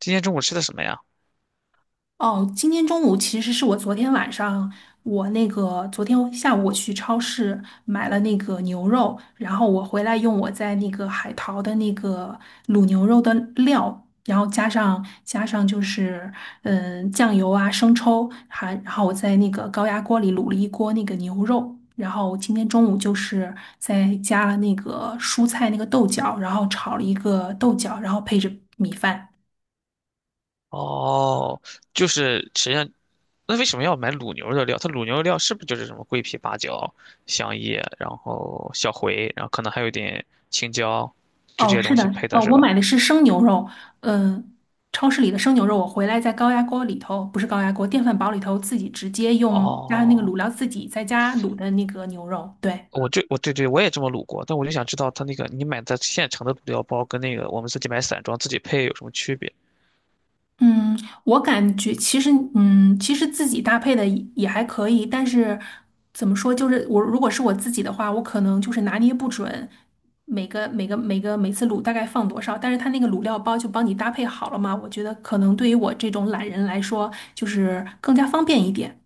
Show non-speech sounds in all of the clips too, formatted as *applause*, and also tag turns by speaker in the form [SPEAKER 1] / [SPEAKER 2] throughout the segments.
[SPEAKER 1] 今天中午吃的什么呀？
[SPEAKER 2] 哦，今天中午其实是我昨天晚上，我那个昨天下午我去超市买了那个牛肉，然后我回来用我在那个海淘的那个卤牛肉的料，然后加上就是酱油啊生抽，然后我在那个高压锅里卤了一锅那个牛肉，然后今天中午就是再加了那个蔬菜那个豆角，然后炒了一个豆角，然后配着米饭。
[SPEAKER 1] 哦，就是实际上，那为什么要买卤牛肉料？它卤牛肉料是不是就是什么桂皮、八角、香叶，然后小茴，然后可能还有一点青椒，就
[SPEAKER 2] 哦，
[SPEAKER 1] 这些
[SPEAKER 2] 是
[SPEAKER 1] 东
[SPEAKER 2] 的，
[SPEAKER 1] 西配的是
[SPEAKER 2] 我
[SPEAKER 1] 吧？
[SPEAKER 2] 买的是生牛肉，嗯、超市里的生牛肉，我回来在高压锅里头，不是高压锅，电饭煲里头自己直接用加上那个
[SPEAKER 1] 哦，
[SPEAKER 2] 卤料自己在家卤的那个牛肉，对。
[SPEAKER 1] 我对对，我也这么卤过，但我就想知道它那个你买的现成的卤料包跟那个我们自己买散装自己配有什么区别？
[SPEAKER 2] 嗯，我感觉其实，其实自己搭配的也还可以，但是怎么说，就是我如果是我自己的话，我可能就是拿捏不准每次卤大概放多少，但是它那个卤料包就帮你搭配好了嘛，我觉得可能对于我这种懒人来说，就是更加方便一点。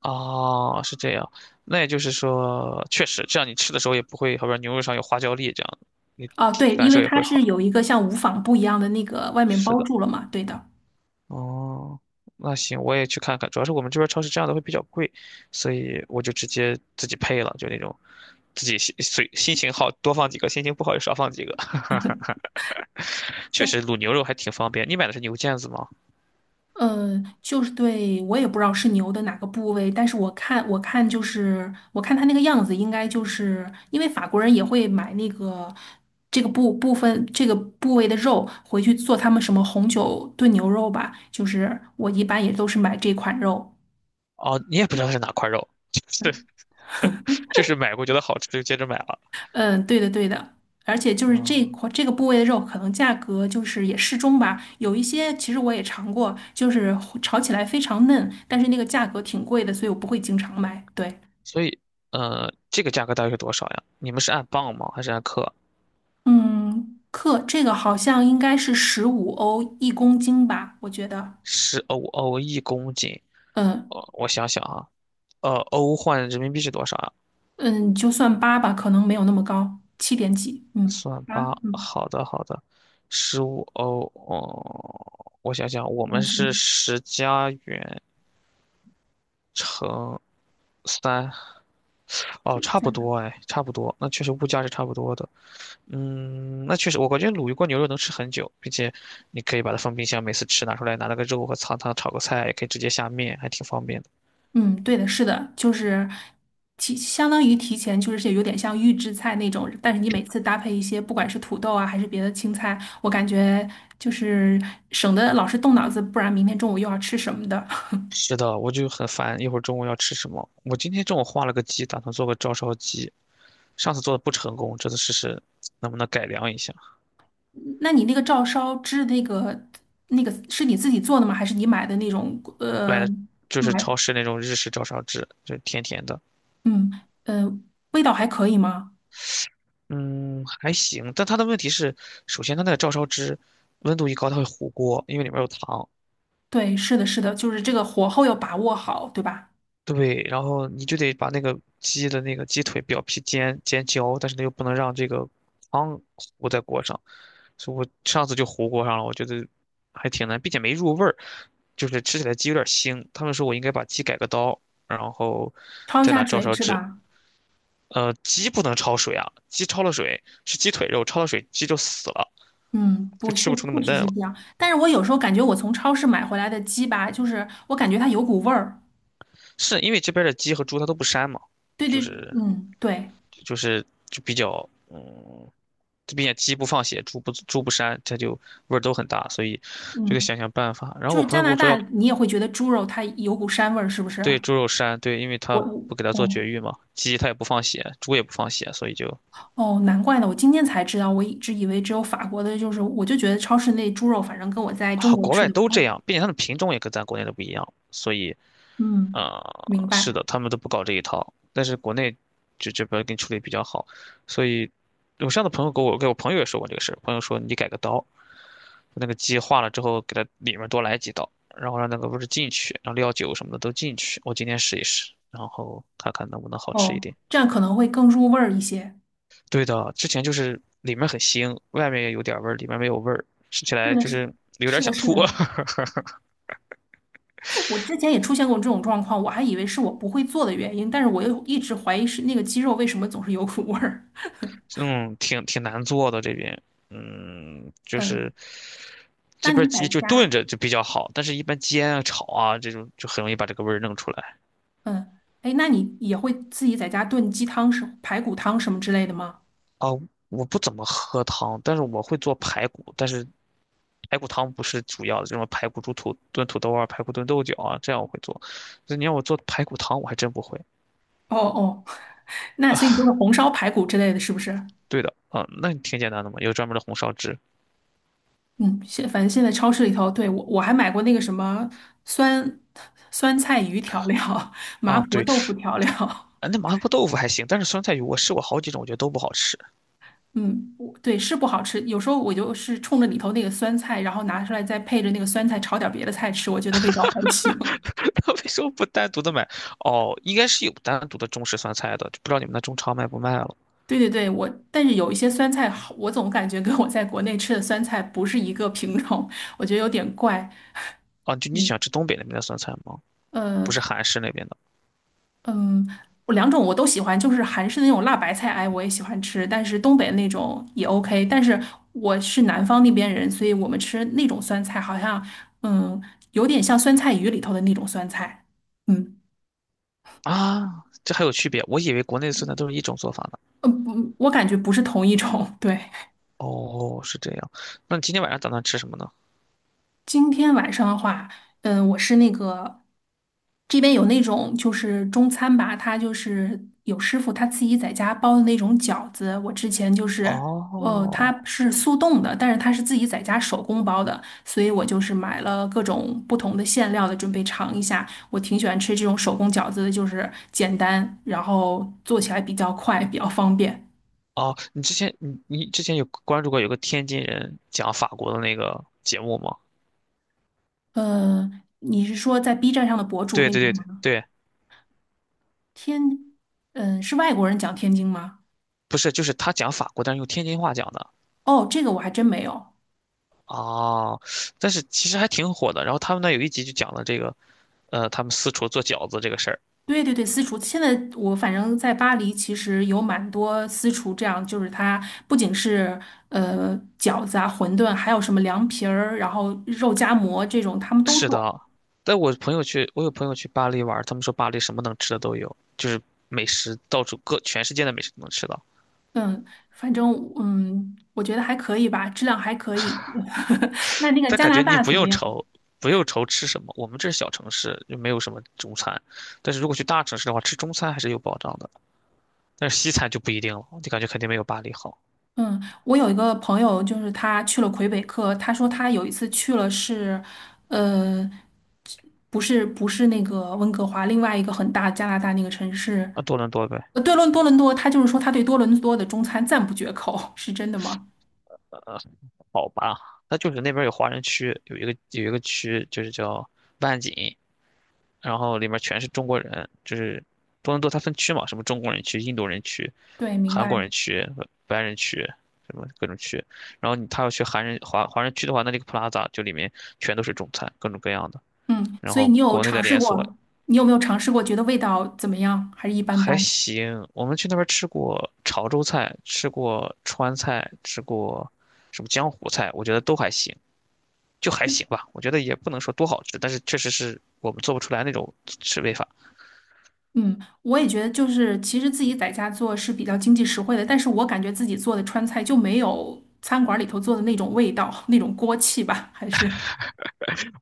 [SPEAKER 1] 哦，是这样，那也就是说，确实这样你吃的时候也不会，好比说牛肉上有花椒粒这样，你
[SPEAKER 2] 啊，
[SPEAKER 1] 体
[SPEAKER 2] 对，
[SPEAKER 1] 感
[SPEAKER 2] 因
[SPEAKER 1] 受
[SPEAKER 2] 为
[SPEAKER 1] 也
[SPEAKER 2] 它
[SPEAKER 1] 会
[SPEAKER 2] 是
[SPEAKER 1] 好。
[SPEAKER 2] 有一个像无纺布一样的那个外面
[SPEAKER 1] 是
[SPEAKER 2] 包
[SPEAKER 1] 的。
[SPEAKER 2] 住了嘛，对的。
[SPEAKER 1] 哦，那行，我也去看看。主要是我们这边超市这样的会比较贵，所以我就直接自己配了，就那种自己心随心情好多放几个，心情不好就少放几个。*laughs* 确
[SPEAKER 2] 对，
[SPEAKER 1] 实卤牛肉还挺方便。你买的是牛腱子吗？
[SPEAKER 2] 就是对，我也不知道是牛的哪个部位，但是我看，我看它那个样子，应该就是因为法国人也会买那个这个部部分这个部位的肉回去做他们什么红酒炖牛肉吧，就是我一般也都是买这款肉。
[SPEAKER 1] 哦，你也不知道是哪块肉，*laughs* 就是就是买过觉得好吃就接着买了。
[SPEAKER 2] 嗯，对的，而且就是这
[SPEAKER 1] 啊，
[SPEAKER 2] 块这个部位的肉，可能价格就是也适中吧。有一些其实我也尝过，就是炒起来非常嫩，但是那个价格挺贵的，所以我不会经常买。对，
[SPEAKER 1] 所以，这个价格大约是多少呀？你们是按磅吗？还是按克？
[SPEAKER 2] 嗯，克这个好像应该是15欧一公斤吧，我觉得。
[SPEAKER 1] 10欧欧1公斤？
[SPEAKER 2] 嗯
[SPEAKER 1] 我想想啊，欧换人民币是多少啊？
[SPEAKER 2] 嗯，就算八吧，可能没有那么高，七点几，嗯，
[SPEAKER 1] 算
[SPEAKER 2] 八，
[SPEAKER 1] 八，
[SPEAKER 2] 嗯，
[SPEAKER 1] 好的好的，15欧哦，我想想，
[SPEAKER 2] 一
[SPEAKER 1] 我们
[SPEAKER 2] 公
[SPEAKER 1] 是
[SPEAKER 2] 斤，
[SPEAKER 1] 10加元乘三，哦，
[SPEAKER 2] 对，
[SPEAKER 1] 差不多哎，差不多，那确实物价是差不多的。嗯，那确实，我感觉卤一锅牛肉能吃很久，并且你可以把它放冰箱，每次吃拿出来，拿那个肉和汤炒个菜，也可以直接下面，还挺方便的。
[SPEAKER 2] 嗯，对的，是的，就是相当于提前，就是有点像预制菜那种，但是你每次搭配一些，不管是土豆啊还是别的青菜，我感觉就是省得老是动脑子，不然明天中午又要吃什么的。
[SPEAKER 1] 是的，我就很烦，一会儿中午要吃什么？我今天中午画了个鸡，打算做个照烧鸡，上次做的不成功，这次试试能不能改良一下。
[SPEAKER 2] *laughs* 那你那个照烧汁那个是你自己做的吗？还是你买的那种
[SPEAKER 1] 买的就是超
[SPEAKER 2] 买
[SPEAKER 1] 市那种日式照烧汁，就是甜甜的。
[SPEAKER 2] 嗯呃味道还可以吗？
[SPEAKER 1] 嗯，还行，但它的问题是，首先它那个照烧汁温度一高，它会糊锅，因为里面有糖。
[SPEAKER 2] 对，是的,就是这个火候要把握好，对吧？
[SPEAKER 1] 对，然后你就得把那个鸡的那个鸡腿表皮煎煎焦，但是呢又不能让这个汤糊在锅上，所以我上次就糊锅上了，我觉得还挺难，并且没入味儿，就是吃起来鸡有点腥。他们说我应该把鸡改个刀，然后
[SPEAKER 2] 焯一
[SPEAKER 1] 再拿
[SPEAKER 2] 下
[SPEAKER 1] 照
[SPEAKER 2] 水
[SPEAKER 1] 烧
[SPEAKER 2] 是
[SPEAKER 1] 汁
[SPEAKER 2] 吧？
[SPEAKER 1] 鸡不能焯水啊，鸡焯了水是鸡腿肉，焯了水鸡就死了，
[SPEAKER 2] 嗯，
[SPEAKER 1] 就
[SPEAKER 2] 不，确
[SPEAKER 1] 吃不
[SPEAKER 2] 确
[SPEAKER 1] 出那么
[SPEAKER 2] 实
[SPEAKER 1] 嫩了。
[SPEAKER 2] 是这样。但是我有时候感觉我从超市买回来的鸡吧，就是我感觉它有股味儿。
[SPEAKER 1] 是因为这边的鸡和猪它都不膻嘛，就是
[SPEAKER 2] 对，
[SPEAKER 1] 就是就比较嗯，这边鸡不放血，猪不膻，它就味儿都很大，所以就得
[SPEAKER 2] 嗯，
[SPEAKER 1] 想想办法。然后
[SPEAKER 2] 就
[SPEAKER 1] 我
[SPEAKER 2] 是
[SPEAKER 1] 朋
[SPEAKER 2] 加
[SPEAKER 1] 友跟
[SPEAKER 2] 拿
[SPEAKER 1] 我说
[SPEAKER 2] 大，
[SPEAKER 1] 要
[SPEAKER 2] 你也会觉得猪肉它有股膻味儿，是不
[SPEAKER 1] 对
[SPEAKER 2] 是？
[SPEAKER 1] 猪肉膻，对，因为
[SPEAKER 2] 我，
[SPEAKER 1] 他不给它做
[SPEAKER 2] 哦
[SPEAKER 1] 绝育嘛，鸡他也不放血，猪也不放血，所以就
[SPEAKER 2] 哦，难怪呢，我今天才知道，我一直以为只有法国的，就是我就觉得超市那猪肉，反正跟我在中
[SPEAKER 1] 好，
[SPEAKER 2] 国
[SPEAKER 1] 国
[SPEAKER 2] 吃
[SPEAKER 1] 外
[SPEAKER 2] 的不
[SPEAKER 1] 都
[SPEAKER 2] 太，
[SPEAKER 1] 这样，并且它的品种也跟咱国内的不一样，所以
[SPEAKER 2] 嗯，
[SPEAKER 1] 啊、
[SPEAKER 2] 明
[SPEAKER 1] 是
[SPEAKER 2] 白。
[SPEAKER 1] 的，他们都不搞这一套，但是国内就这边给你处理比较好，所以我上次朋友给我朋友也说过这个事儿，朋友说你改个刀，那个鸡化了之后给它里面多来几刀，然后让那个味儿进去，让料酒什么的都进去，我今天试一试，然后看看能不能好吃一点。
[SPEAKER 2] 哦，这样可能会更入味儿一些。
[SPEAKER 1] 对的，之前就是里面很腥，外面也有点味儿，里面没有味儿，吃起
[SPEAKER 2] 是
[SPEAKER 1] 来
[SPEAKER 2] 的，
[SPEAKER 1] 就
[SPEAKER 2] 是
[SPEAKER 1] 是有点
[SPEAKER 2] 是的，
[SPEAKER 1] 想
[SPEAKER 2] 是
[SPEAKER 1] 吐。*laughs*
[SPEAKER 2] 的。我之前也出现过这种状况，我还以为是我不会做的原因，但是我又一直怀疑是那个鸡肉为什么总是有股味儿。*laughs*
[SPEAKER 1] 嗯，挺挺难做的这边，就
[SPEAKER 2] 嗯，
[SPEAKER 1] 是
[SPEAKER 2] 那
[SPEAKER 1] 这边
[SPEAKER 2] 你在
[SPEAKER 1] 鸡就
[SPEAKER 2] 家，
[SPEAKER 1] 炖着就比较好，但是一般煎啊、炒啊这种就很容易把这个味儿弄出来。
[SPEAKER 2] 嗯，哎，那你也会自己在家炖鸡汤什、排骨汤什么之类的吗？
[SPEAKER 1] 啊，我不怎么喝汤，但是我会做排骨，但是排骨汤不是主要的，这种排骨炖土豆啊、排骨炖豆角啊，这样我会做。那你让我做排骨汤，我还真不会。
[SPEAKER 2] 哦哦，*laughs* 那所以你就是红烧排骨之类的，是不是？
[SPEAKER 1] 对的，啊，那挺简单的嘛，有专门的红烧汁
[SPEAKER 2] 嗯，反正现在超市里头，对，我还买过那个什么酸酸菜鱼调料、*laughs* 麻
[SPEAKER 1] 啊，
[SPEAKER 2] 婆
[SPEAKER 1] 对，
[SPEAKER 2] 豆腐调料。
[SPEAKER 1] 啊那麻婆豆腐还行，但是酸菜鱼我试过好几种，我觉得都不好吃。
[SPEAKER 2] 嗯，我是不好吃，有时候我就是冲着里头那个酸菜，然后拿出来再配着那个酸菜炒点别的菜吃，我觉得味道还行。*laughs*
[SPEAKER 1] *laughs* 为什么不单独的买？哦，应该是有单独的中式酸菜的，就不知道你们那中超卖不卖了。
[SPEAKER 2] 对对对，我但是有一些酸菜好，我总感觉跟我在国内吃的酸菜不是一个品种，我觉得有点怪。
[SPEAKER 1] 啊，就你喜欢
[SPEAKER 2] 嗯
[SPEAKER 1] 吃东北那边的酸菜吗？
[SPEAKER 2] 呃
[SPEAKER 1] 不是韩式那边的
[SPEAKER 2] 嗯，我两种我都喜欢，就是韩式的那种辣白菜，哎，我也喜欢吃，但是东北那种也 OK。但是我是南方那边人，所以我们吃那种酸菜好像嗯有点像酸菜鱼里头的那种酸菜。嗯。
[SPEAKER 1] 啊？这还有区别？我以为国内的酸菜都是一种做法呢。
[SPEAKER 2] 嗯，不，我感觉不是同一种。*laughs* 对，
[SPEAKER 1] 哦，是这样。那你今天晚上打算吃什么呢？
[SPEAKER 2] 今天晚上的话，我是那个这边有那种就是中餐吧，他就是有师傅他自己在家包的那种饺子。我之前就是，
[SPEAKER 1] 哦，
[SPEAKER 2] 他是速冻的，但是他是自己在家手工包的，所以我就是买了各种不同的馅料的，准备尝一下。我挺喜欢吃这种手工饺子的，就是简单，然后做起来比较快，比较方便。
[SPEAKER 1] 哦，你之前有关注过有个天津人讲法国的那个节目吗？
[SPEAKER 2] 呃，你是说在 B 站上的博主
[SPEAKER 1] 对
[SPEAKER 2] 那
[SPEAKER 1] 对
[SPEAKER 2] 种
[SPEAKER 1] 对对
[SPEAKER 2] 吗？
[SPEAKER 1] 对，
[SPEAKER 2] 天，嗯，是外国人讲天津吗？
[SPEAKER 1] 不是，就是他讲法国，但是用天津话讲的。
[SPEAKER 2] 哦，这个我还真没有。
[SPEAKER 1] 哦，但是其实还挺火的。然后他们那有一集就讲了这个他们四处做饺子这个事儿。
[SPEAKER 2] 对对对，私厨。现在反正在巴黎，其实有蛮多私厨，这样就是它不仅是饺子啊、馄饨，还有什么凉皮儿，然后肉夹馍这种，他们都
[SPEAKER 1] 是
[SPEAKER 2] 做。
[SPEAKER 1] 的，但我朋友去，我有朋友去巴黎玩他们说巴黎什么能吃的都有，就是美食到处各全世界的美食都能吃到。
[SPEAKER 2] 嗯，反正嗯，我觉得还可以吧，质量还可以。*laughs* 那那个
[SPEAKER 1] 但
[SPEAKER 2] 加
[SPEAKER 1] 感
[SPEAKER 2] 拿
[SPEAKER 1] 觉你
[SPEAKER 2] 大
[SPEAKER 1] 不
[SPEAKER 2] 怎么
[SPEAKER 1] 用
[SPEAKER 2] 样？
[SPEAKER 1] 愁，不用愁吃什么，我们这是小城市，就没有什么中餐。但是如果去大城市的话，吃中餐还是有保障的，但是西餐就不一定了，就感觉肯定没有巴黎好。
[SPEAKER 2] 嗯，我有一个朋友，就是他去了魁北克，他说他有一次去了是，呃，不是那个温哥华，另外一个很大加拿大那个城市，
[SPEAKER 1] 啊，多伦多呗，
[SPEAKER 2] 呃，伦多，他就是说他对多伦多的中餐赞不绝口，*laughs* 是真的吗？
[SPEAKER 1] 呃，好吧，那就是那边有华人区，有一个区就是叫万锦，然后里面全是中国人，就是多伦多它分区嘛，什么中国人区、印度人区、
[SPEAKER 2] 对，明
[SPEAKER 1] 韩国
[SPEAKER 2] 白。
[SPEAKER 1] 人区、白人区，什么各种区。然后你他要去韩人华华人区的话，那这个 Plaza 就里面全都是中餐，各种各样的。
[SPEAKER 2] 嗯，
[SPEAKER 1] 然
[SPEAKER 2] 所以
[SPEAKER 1] 后
[SPEAKER 2] 你有
[SPEAKER 1] 国内的
[SPEAKER 2] 尝试
[SPEAKER 1] 连锁
[SPEAKER 2] 过，你有没有尝试过，觉得味道怎么样，还是一般
[SPEAKER 1] 还
[SPEAKER 2] 般？
[SPEAKER 1] 行，我们去那边吃过潮州菜，吃过川菜，吃过什么江湖菜，我觉得都还行，就还行吧。我觉得也不能说多好吃，但是确实是我们做不出来那种吃味法。
[SPEAKER 2] 嗯，我也觉得就是，其实自己在家做是比较经济实惠的，但是我感觉自己做的川菜就没有餐馆里头做的那种味道，那种锅气吧，还是，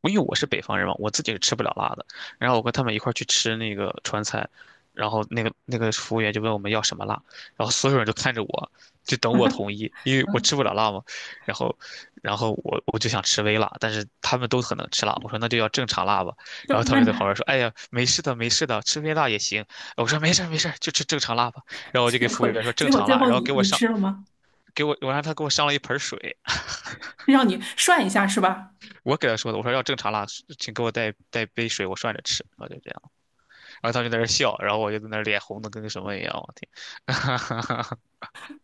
[SPEAKER 1] 因为我是北方人嘛，我自己是吃不了辣的。然后我跟他们一块儿去吃那个川菜，然后那个服务员就问我们要什么辣，然后所有人都看着我，就等我同意，因为我
[SPEAKER 2] 嗯，
[SPEAKER 1] 吃不了辣嘛。然后，然后我就想吃微辣，但是他们都很能吃辣，我说那就要正常辣吧。
[SPEAKER 2] *laughs* 就
[SPEAKER 1] 然后他
[SPEAKER 2] 那
[SPEAKER 1] 们
[SPEAKER 2] 你
[SPEAKER 1] 就在旁
[SPEAKER 2] 还
[SPEAKER 1] 边说："哎呀，没事的，没事的，吃微辣也行。"我说："没事儿没事儿，就吃正常辣吧。"然
[SPEAKER 2] *laughs*
[SPEAKER 1] 后我就
[SPEAKER 2] 结
[SPEAKER 1] 给服务
[SPEAKER 2] 果
[SPEAKER 1] 员说正
[SPEAKER 2] 结果
[SPEAKER 1] 常
[SPEAKER 2] 最
[SPEAKER 1] 辣，
[SPEAKER 2] 后
[SPEAKER 1] 然后
[SPEAKER 2] 你
[SPEAKER 1] 给我
[SPEAKER 2] 你
[SPEAKER 1] 上。
[SPEAKER 2] 吃了吗？
[SPEAKER 1] 给我，我让他给我上了一盆水，
[SPEAKER 2] *laughs* 让你涮一下是吧？
[SPEAKER 1] 我给他说的，我说要正常辣，请给我带杯水，我涮着吃，我就这样。然后他们就在那儿笑，然后我就在那儿脸红的跟个什么一样，我天，*laughs*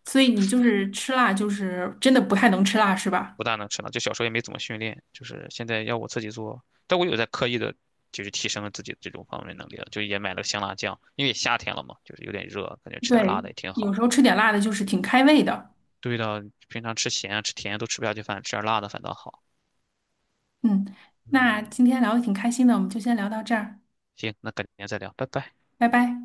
[SPEAKER 2] 所以你就是吃辣，就是真的不太能吃辣是吧？
[SPEAKER 1] 不大能吃了。就小时候也没怎么训练，就是现在要我自己做，但我有在刻意的，就是提升自己的这种方面能力了，就也买了香辣酱，因为夏天了嘛，就是有点热，感觉吃点辣
[SPEAKER 2] 对，
[SPEAKER 1] 的也挺
[SPEAKER 2] 有
[SPEAKER 1] 好。
[SPEAKER 2] 时候吃点辣的就是挺开胃的。
[SPEAKER 1] 对的，平常吃咸啊吃甜啊都吃不下去饭，吃点辣的反倒好。
[SPEAKER 2] 嗯，那
[SPEAKER 1] 嗯，
[SPEAKER 2] 今天聊的挺开心的，我们就先聊到这儿，
[SPEAKER 1] 行，那改天再聊，拜拜。
[SPEAKER 2] 拜拜。